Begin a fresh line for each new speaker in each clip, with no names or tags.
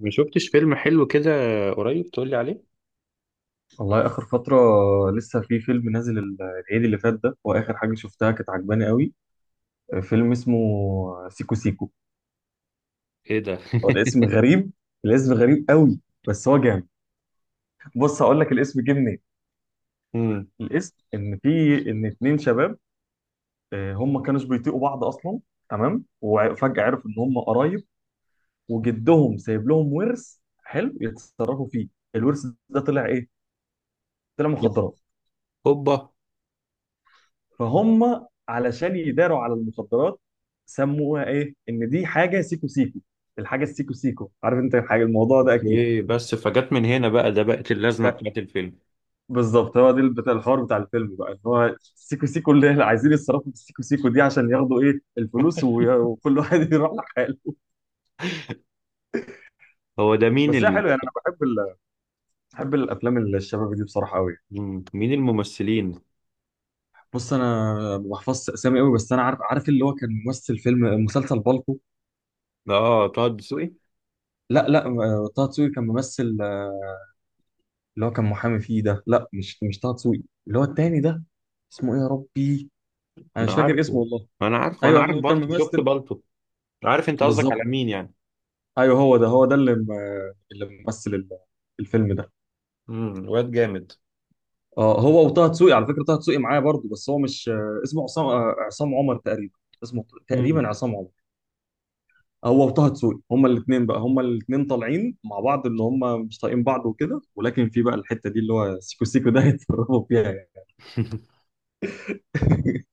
ما شفتش فيلم حلو كده قريب تقول لي عليه.
والله اخر فتره. لسه في فيلم نازل العيد اللي فات ده، واخر حاجه شفتها كانت عجباني قوي. فيلم اسمه سيكو سيكو.
ايه ده؟
هو الاسم غريب، الاسم غريب قوي، بس هو جامد. بص هقول لك الاسم جه منين.
امم
الاسم ان في ان اتنين شباب، هم كانوش بيطيقوا بعض اصلا، تمام، وفجاه عرفوا ان هم قرايب وجدهم سايب لهم ورث حلو يتصرفوا فيه. الورث ده طلع ايه؟ طلع مخدرات.
هوبا.
فهم علشان يداروا على المخدرات سموها ايه؟ ان دي حاجه سيكو سيكو. الحاجه السيكو سيكو، عارف انت الحاجه، الموضوع ده اكيد.
ايه بس فجت من هنا بقى، ده بقت اللازمه
ف-
بتاعت الفيلم.
بالظبط هو ده بتاع الحوار بتاع الفيلم بقى، ان هو السيكو سيكو اللي احنا عايزين يتصرفوا في السيكو سيكو دي عشان ياخدوا ايه الفلوس، وكل واحد يروح لحاله.
هو ده مين
بس هي
ال...؟
حلوه يعني، انا بحب الافلام اللي الشباب دي بصراحه قوي.
مم، مين الممثلين؟
بص انا ما بحفظش اسامي قوي، بس انا عارف، اللي هو كان ممثل فيلم مسلسل بالطو.
اه طه دسوقي.
لا، طه دسوقي كان ممثل اللي هو كان محامي فيه ده، لا مش طه دسوقي، اللي هو التاني ده. اسمه ايه يا ربي؟ انا
انا
مش فاكر اسمه
عارفه
والله.
انا عارفه، انا
ايوه
عارف
اللي هو كان
بالطو، شفت
ممثل.
بالطو. عارف انت قصدك
بالظبط.
على مين يعني.
ايوه هو ده اللي ممثل الفيلم ده.
امم، واد جامد.
اه هو وطه دسوقي، على فكره طه دسوقي معايا برضه، بس هو مش، اسمه عصام، عصام عمر تقريبا. اسمه
امم.
تقريبا عصام عمر. هو وطه دسوقي هما الاثنين بقى، هما الاثنين طالعين مع بعض ان هما مش طايقين بعض وكده، ولكن في بقى الحته دي اللي هو سيكو سيكو ده هيتفرقوا فيها يعني.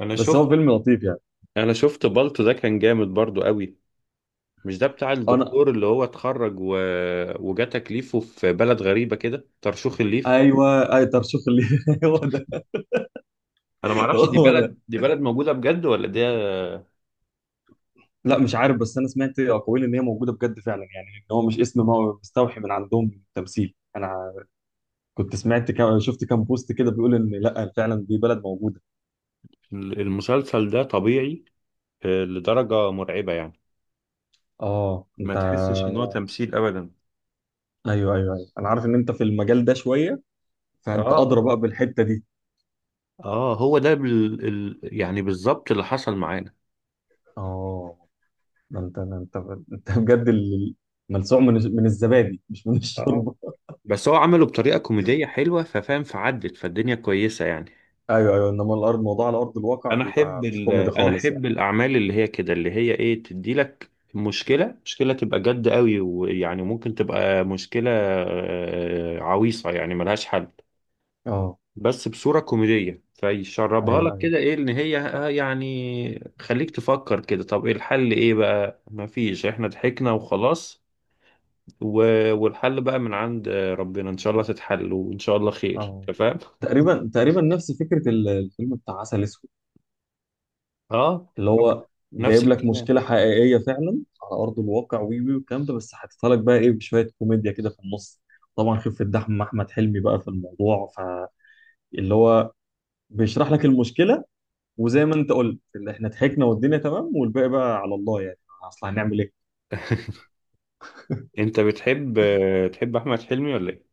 انا
بس هو
شفت،
فيلم لطيف يعني.
انا شفت بالطو ده كان جامد برضو قوي. مش ده بتاع
انا
الدكتور اللي هو اتخرج و... وجا تكليفه في بلد غريبه كده، ترشيح الليف؟
ايوه، اي طرشوخ اللي هو ده.
انا ما اعرفش دي
هو ده،
بلد، دي بلد موجودة بجد ولا ده؟
لا مش عارف، بس انا سمعت اقاويل ان هي موجوده بجد فعلا، يعني ان هو مش اسم ما هو مستوحي من عندهم تمثيل. انا كنت سمعت، كم شفت كام بوست كده بيقول ان لا فعلا دي بلد موجوده.
المسلسل ده طبيعي، آه، لدرجة مرعبة يعني.
اه
ما
انت،
تحسش ان هو تمثيل ابدا.
ايوه ايوه ايوه، انا عارف ان انت في المجال ده شويه،
اه
فانت ادرى
اه
بقى بالحته دي.
اه، هو ده بال... ال... يعني بالظبط اللي حصل معانا.
اه. ده انت انت بجد ملسوع من الزبادي مش من
اه
الشوربه.
بس هو عمله بطريقة كوميدية حلوة، ففاهم، فعدت، فالدنيا كويسة يعني.
ايوه ايوه، انما الارض موضوع على ارض الواقع
انا احب
بيبقى مش
ال...
كوميدي
انا
خالص يعني.
احب الاعمال اللي هي كده، اللي هي ايه، تدي لك مشكلة تبقى جد قوي، ويعني ممكن تبقى مشكلة آه، عويصة يعني ملهاش حل،
اه،
بس بصورة كوميدية فيشربها
ايوه
لك
ايوه.
كده، ايه ان هي آه، يعني خليك تفكر كده، طب ايه الحل؟ ايه بقى؟ مفيش، احنا ضحكنا وخلاص. و... والحل بقى من عند آه، ربنا، ان شاء الله تتحل، وان شاء الله خير.
اه،
أنت فاهم.
تقريبا تقريبا نفس فكره الفيلم بتاع عسل اسود،
اه.
اللي هو
نفس
جايب لك
الكلام.
مشكله حقيقيه فعلا على ارض الواقع، وي وي والكلام ده، بس حاططها لك بقى ايه، بشويه كوميديا كده في النص. طبعا خفه دحم احمد حلمي بقى في الموضوع، فاللي هو بيشرح لك المشكله، وزي ما انت قلت، اللي احنا ضحكنا والدنيا تمام والباقي بقى على الله يعني. اصل هنعمل ايه؟
انت بتحب آه، تحب احمد حلمي ولا ايه؟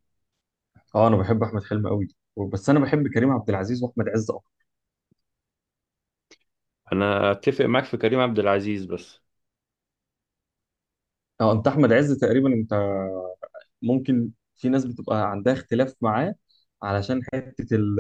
اه انا بحب احمد حلمي قوي، بس انا بحب كريم عبد العزيز واحمد عز اكتر.
انا اتفق معاك في كريم عبد العزيز بس.
اه انت احمد عز تقريبا انت، ممكن في ناس بتبقى عندها اختلاف معاه علشان حتة ال-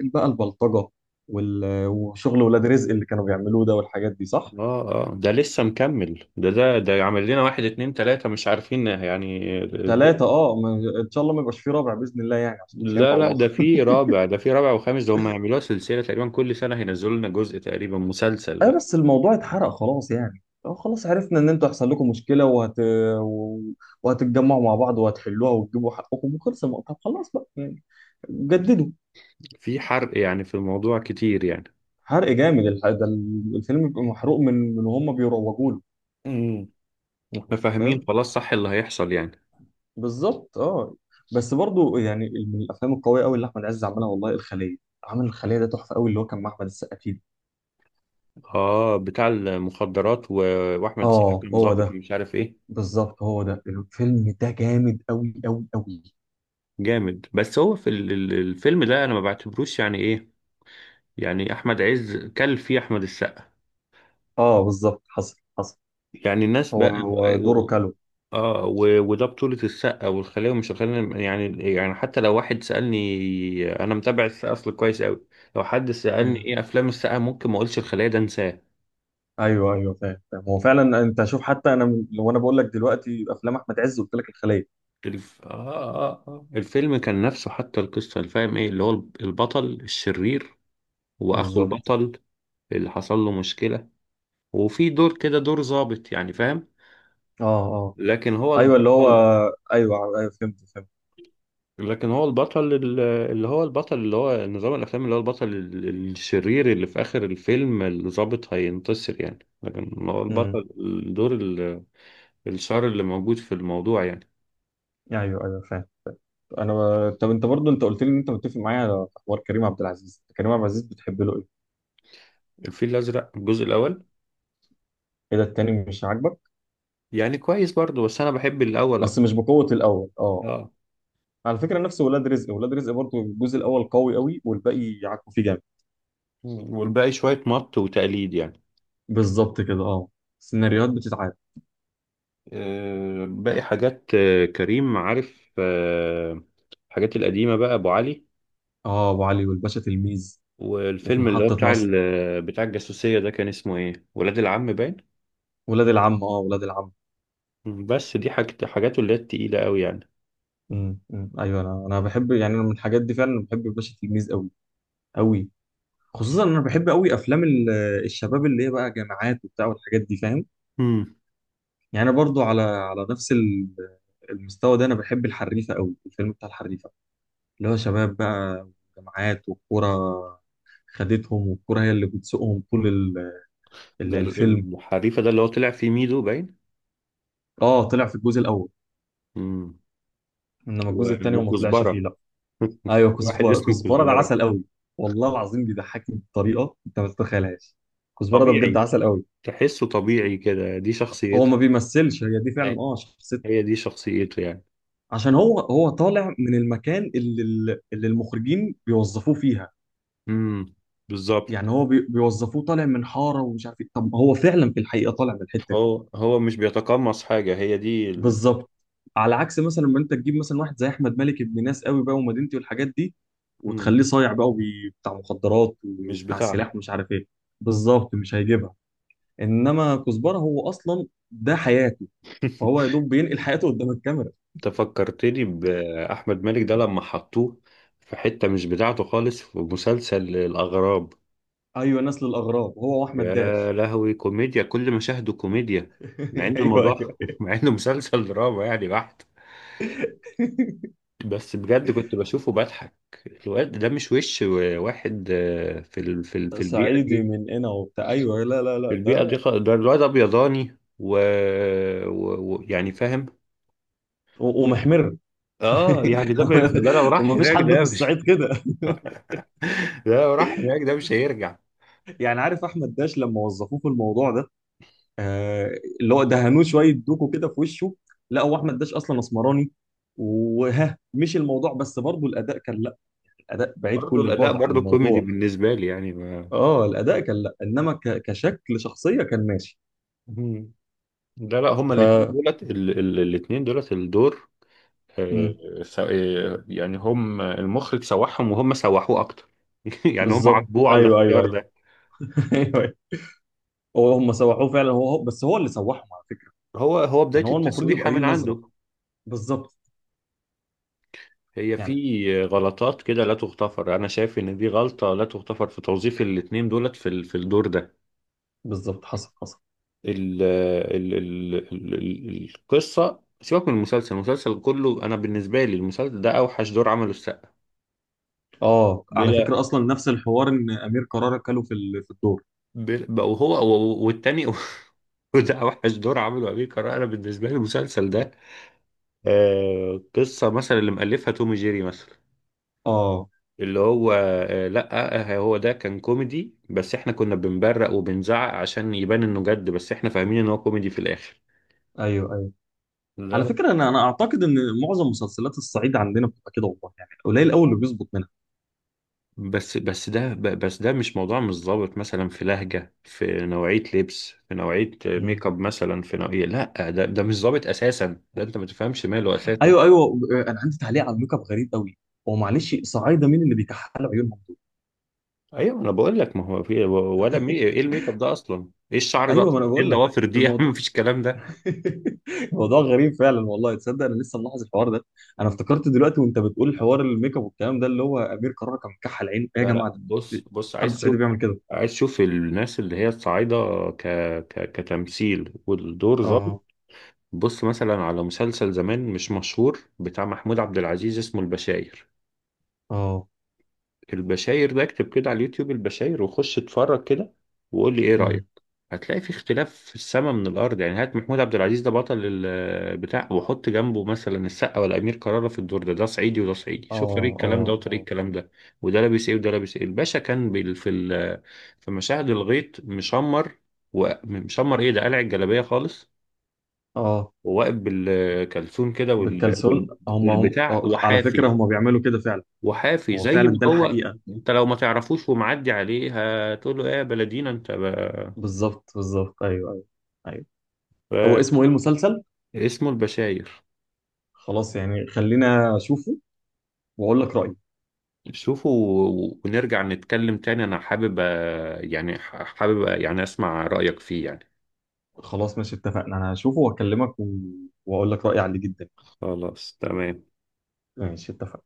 ال- بقى البلطجة، وشغل ولاد رزق اللي كانوا بيعملوه ده والحاجات دي، صح؟
اه اه، ده لسه مكمل، ده عامل لنا واحد اتنين تلاتة مش عارفين يعني.
ثلاثة، اه ان شاء الله ما يبقاش في رابع بإذن الله يعني، عشان مش
لا
هينفع
لا،
والله.
ده في رابع، ده في رابع وخامس، ده هم هيعملوها سلسلة تقريبا، كل سنة هينزلوا لنا جزء تقريبا، مسلسل
اه
بقى.
بس الموضوع اتحرق خلاص يعني. اه خلاص عرفنا ان انتوا هيحصل لكم مشكلة، و- وهتتجمعوا مع بعض وهتحلوها وتجيبوا حقكم وخلص الموضوع. طب خلاص بقى يعني، جددوا.
في حرق يعني، في الموضوع كتير يعني.
حرق جامد الفيلم بيبقى محروق من وهم بيروجوا له.
امم، احنا فاهمين
فاهم
خلاص صح اللي هيحصل يعني.
بالظبط اه. بس برضو يعني من الافلام القويه قوي اللي احمد عز عملها والله الخليه. عامل الخليه ده تحفه قوي، اللي هو كان مع احمد السقا فيه.
اه بتاع المخدرات و... واحمد سعد
اه
كان
هو
ظابط
ده،
مش عارف ايه.
بالظبط، هو ده الفيلم ده جامد قوي قوي قوي.
جامد، بس هو في ال- ال- الفيلم ده انا ما بعتبروش يعني ايه. يعني احمد عز كل فيه احمد السقا.
اه بالظبط، حصل.
يعني الناس
هو
بقى
هو
بقى-
دوره
و...
كالو.
اه و... وده بطولة السقا، والخلية ومش الخلية يعني، يعني حتى لو واحد سألني، انا متابع السقا اصل كويس قوي. لو حد سألني
مم.
ايه افلام السقا، ممكن ما اقولش الخلية، ده انساه.
ايوه ايوه، فاهم هو فعلا. انت شوف حتى انا لو انا بقول لك دلوقتي افلام احمد عز قلت لك الخليه.
الف... آه, آه, آه. الفيلم كان نفسه حتى، القصة اللي فاهم ايه اللي هو البطل الشرير، واخو
بالظبط.
البطل اللي حصل له مشكلة، وفي دور كده، دور ظابط، يعني فاهم.
اه اه.
لكن هو
ايوه اللي هو،
البطل.
ايوه ايوه، فهمت.
لكن هو البطل ال- اللي هو البطل، اللي هو نظام الافلام، اللي هو البطل ال- الشرير، اللي في اخر الفيلم الضابط هينتصر يعني، لكن هو البطل،
امم.
الدور ال- الشر اللي موجود في الموضوع يعني.
ايوه ايوه فاهم. انا طب انت برضو، انت قلت لي ان انت متفق معايا على حوار كريم عبد العزيز. كريم عبد العزيز بتحب له ايه؟
الفيل الازرق الجزء الاول.
ايه ده، التاني مش عاجبك؟
يعني كويس برضه، بس انا بحب الاول
بس مش
اكتر.
بقوة الاول اه،
اه.
آه. على فكرة، نفس ولاد رزق، برضو الجزء الاول قوي قوي والباقي يعكوا فيه جامد.
والباقي شوية مط وتقليد يعني.
بالظبط كده اه. السيناريوهات بتتعاد.
آه، باقي حاجات آه، كريم عارف آه، الحاجات القديمة بقى، ابو علي.
اه ابو علي والباشا تلميذ. وفي
والفيلم اللي هو
محطة
بتاع
مصر،
ال- بتاع الجاسوسية ده كان اسمه ايه، ولاد العم باين.
ولاد العم، اه ولاد العم.
بس دي حاجة، حاجاته اللي هي التقيلة قوي يعني.
امم، أمم. ايوه انا، بحب يعني، انا من الحاجات دي فعلا بحب الباشا تلميذ قوي قوي. خصوصا انا بحب قوي افلام الشباب اللي هي بقى جامعات وبتاع والحاجات دي، فاهم؟
امم.
يعني انا برضو على على نفس المستوى ده انا بحب الحريفه قوي، الفيلم بتاع الحريفه، اللي هو شباب بقى وجامعات والكوره، خدتهم والكوره هي اللي بتسوقهم طول
ده
الفيلم.
ال- الحريفة ده اللي هو طلع فيه ميدو باين.
اه طلع في الجزء الاول،
امم.
انما الجزء
و-
الثاني وما طلعش فيه
وكزبرة.
لا. ايوه
واحد
كزبره،
اسمه
ده
كزبرة.
عسل قوي. والله العظيم بيضحكني بطريقه انت ما تتخيلهاش. كزبره ده بجد
طبيعي،
عسل قوي.
تحسه طبيعي كده، دي
هو
شخصيته.
ما بيمثلش، هي دي فعلا
أيوة.
اه شخصيته.
هي دي شخصيته يعني.
عشان هو طالع من المكان اللي المخرجين بيوظفوه فيها.
امم، بالظبط.
يعني هو بيوظفوه طالع من حاره ومش عارف ايه، طب هو فعلا في الحقيقه طالع من الحته دي.
هو هو مش بيتقمص حاجة، هي دي ال...
بالظبط. على عكس مثلا لما انت تجيب مثلا واحد زي احمد مالك، ابن ناس قوي بقى ومدينتي والحاجات دي، وتخليه
مم.
صايع بقى بتاع مخدرات
مش
وبتاع
بتاعته.
سلاح ومش عارف ايه. بالظبط مش هيجيبها، انما كزبره هو اصلا ده حياته، فهو يا دوب بينقل حياته قدام الكاميرا.
انت فكرتني بأحمد مالك ده لما حطوه في حتة مش بتاعته خالص، في مسلسل الأغراب.
ايوه نسل الاغراب، هو واحمد
يا
داش.
لهوي، كوميديا، كل مشاهده كوميديا. مع ان
ايوه ايوه.
الموضوع مع انه مسلسل دراما يعني بحت. بس بجد كنت بشوفه بضحك. الواد ده مش وش واحد آه، في ال... في ال... في البيئة
صعيدي
دي.
من هنا وبتاع، ايوه لا لا
في
لا
البيئة دي
ده،
خ- ده الواد ابيضاني و... و... و... يعني فاهم.
ومحمر.
اه يعني ده ما ينفع- ده لو راح
ومفيش
هناك
حد في
ده مش...
الصعيد كده.
ده لو راح هناك ده مش هيرجع.
يعني عارف احمد داش لما وظفوه في الموضوع ده، آه، اللي هو دهنوه شويه دوكو كده في وشه. لا هو احمد داش اصلا اسمراني، وها مش الموضوع، بس برضه الاداء كان لا، الاداء بعيد
برضه
كل
الاداء
البعد عن
برضه كوميدي
الموضوع.
بالنسبة لي يعني ما...
اه الاداء كان لا، انما كشكل شخصيه كان ماشي.
مم. لا لا، هما
ف
الاثنين دولت ال... ال... الاثنين دولت الدور.
مم،
آه، س- آه، يعني هم المخرج سوحهم وهم سوحوه اكتر. يعني هم
بالظبط
عاتبوه على
ايوه ايوه
الاختيار
ايوه.
ده.
ايوه. هو هم سوحوه فعلا، بس هو اللي سوحهم على فكره.
هو هو
يعني
بداية
هو المفروض
التسويحة
يبقى ليه
من
نظره.
عنده.
بالظبط.
هي
يعني
في غلطات كده لا تغتفر، انا شايف ان دي غلطة لا تغتفر في توظيف الاتنين دولت في ال- في الدور ده.
بالظبط، حصل.
ال القصة سيبك من المسلسل، المسلسل كله انا بالنسبة لي، المسلسل ده اوحش دور عمله السقا.
اه على
بلا.
فكرة أصلا نفس الحوار، إن أمير كرارة كاله في في الدور.
بلا وهو والتاني. وده اوحش دور عمله امير كرارة، انا بالنسبة لي المسلسل ده آه، قصة مثلا اللي مألفها توم جيري مثلا،
اه،
اللي هو آه، لأ آه، هو ده كان كوميدي بس احنا كنا بنبرق وبنزعق عشان يبان انه جد، بس احنا فاهمين ان هو كوميدي في الآخر.
أيوه أيوه.
لا
على
لا.
فكرة أنا أعتقد إن معظم مسلسلات الصعيد عندنا بتبقى كده والله، يعني قليل أوي اللي بيظبط منها.
بس ده ب- بس ده مش موضوع مش ظابط، مثلا في لهجة، في نوعية لبس، في نوعية
مم.
ميك اب، مثلا في نوعية، لأ ده ده مش ظابط أساسا، ده أنت ما تفهمش ماله أساسا.
أيوه أيوه. أنا عندي تعليق على الميك اب غريب أوي. هو معلش، صعايدة مين اللي بيكحلوا عيونهم دول؟
أيوه أنا بقول لك، ما هو في ولا مي... إيه الميك اب ده أصلا؟ إيه الشعر ده
أيوه، ما أنا
أصلا؟ إيه
بقول لك
الضوافر دي؟
الموضوع
مفيش الكلام
الموضوع غريب فعلا والله. تصدق أنا لسه ملاحظ الحوار ده. أنا
ده.
افتكرت دلوقتي وأنت بتقول حوار الميك اب والكلام ده، اللي هو أمير كرارة كان مكحل عينه، إيه يا
لا لا،
جماعة ده؟
بص
مفيش
بص عايز
حد صعيدي
تشوف،
بيعمل كده.
عايز تشوف الناس اللي هي الصعايدة ك... ك... كتمثيل والدور ظابط.
اه
بص مثلا على مسلسل زمان مش مشهور بتاع محمود عبد العزيز، اسمه البشاير.
اه.
البشاير ده اكتب كده على اليوتيوب، البشاير، وخش اتفرج كده وقول لي ايه رأيك.
امم.
هتلاقي في اختلاف في السما من الارض يعني. هات محمود عبد العزيز ده بطل البتاع، وحط جنبه مثلا السقا ولا امير كرارة في الدور ده، ده صعيدي وده صعيدي،
اه
شوف طريقة الكلام ده
اه
وطريقة
اه
الكلام ده، وده لابس ايه وده لابس ايه. الباشا كان بال- في ال- في مشاهد الغيط مشمر، ومشمر ايه، ده قلع الجلابية خالص،
اه.
وواقف بالكلسون كده، وال- وال-
بالكالسون، هم
والبتاع،
آه، على فكرة
وحافي،
هم بيعملوا كده فعلا.
وحافي
هو
زي ما
فعلا ده
هو.
الحقيقة.
انت لو ما تعرفوش ومعدي عليه، هتقول له ايه يا بلدينا انت بقى.
بالظبط بالظبط، ايوه ايوه ايوه. هو
ف-
اسمه ايه المسلسل؟
اسمه البشاير.
خلاص يعني خلينا اشوفه واقول لك رأيي.
شوفوا، و- ونرجع نتكلم تاني. انا حابب أ- يعني ح- حابب أ- يعني اسمع رأيك فيه يعني.
خلاص ماشي اتفقنا، انا هشوفه واكلمك، و... واقول لك رأيي عليه جدا.
خلاص تمام.
ماشي اتفقنا.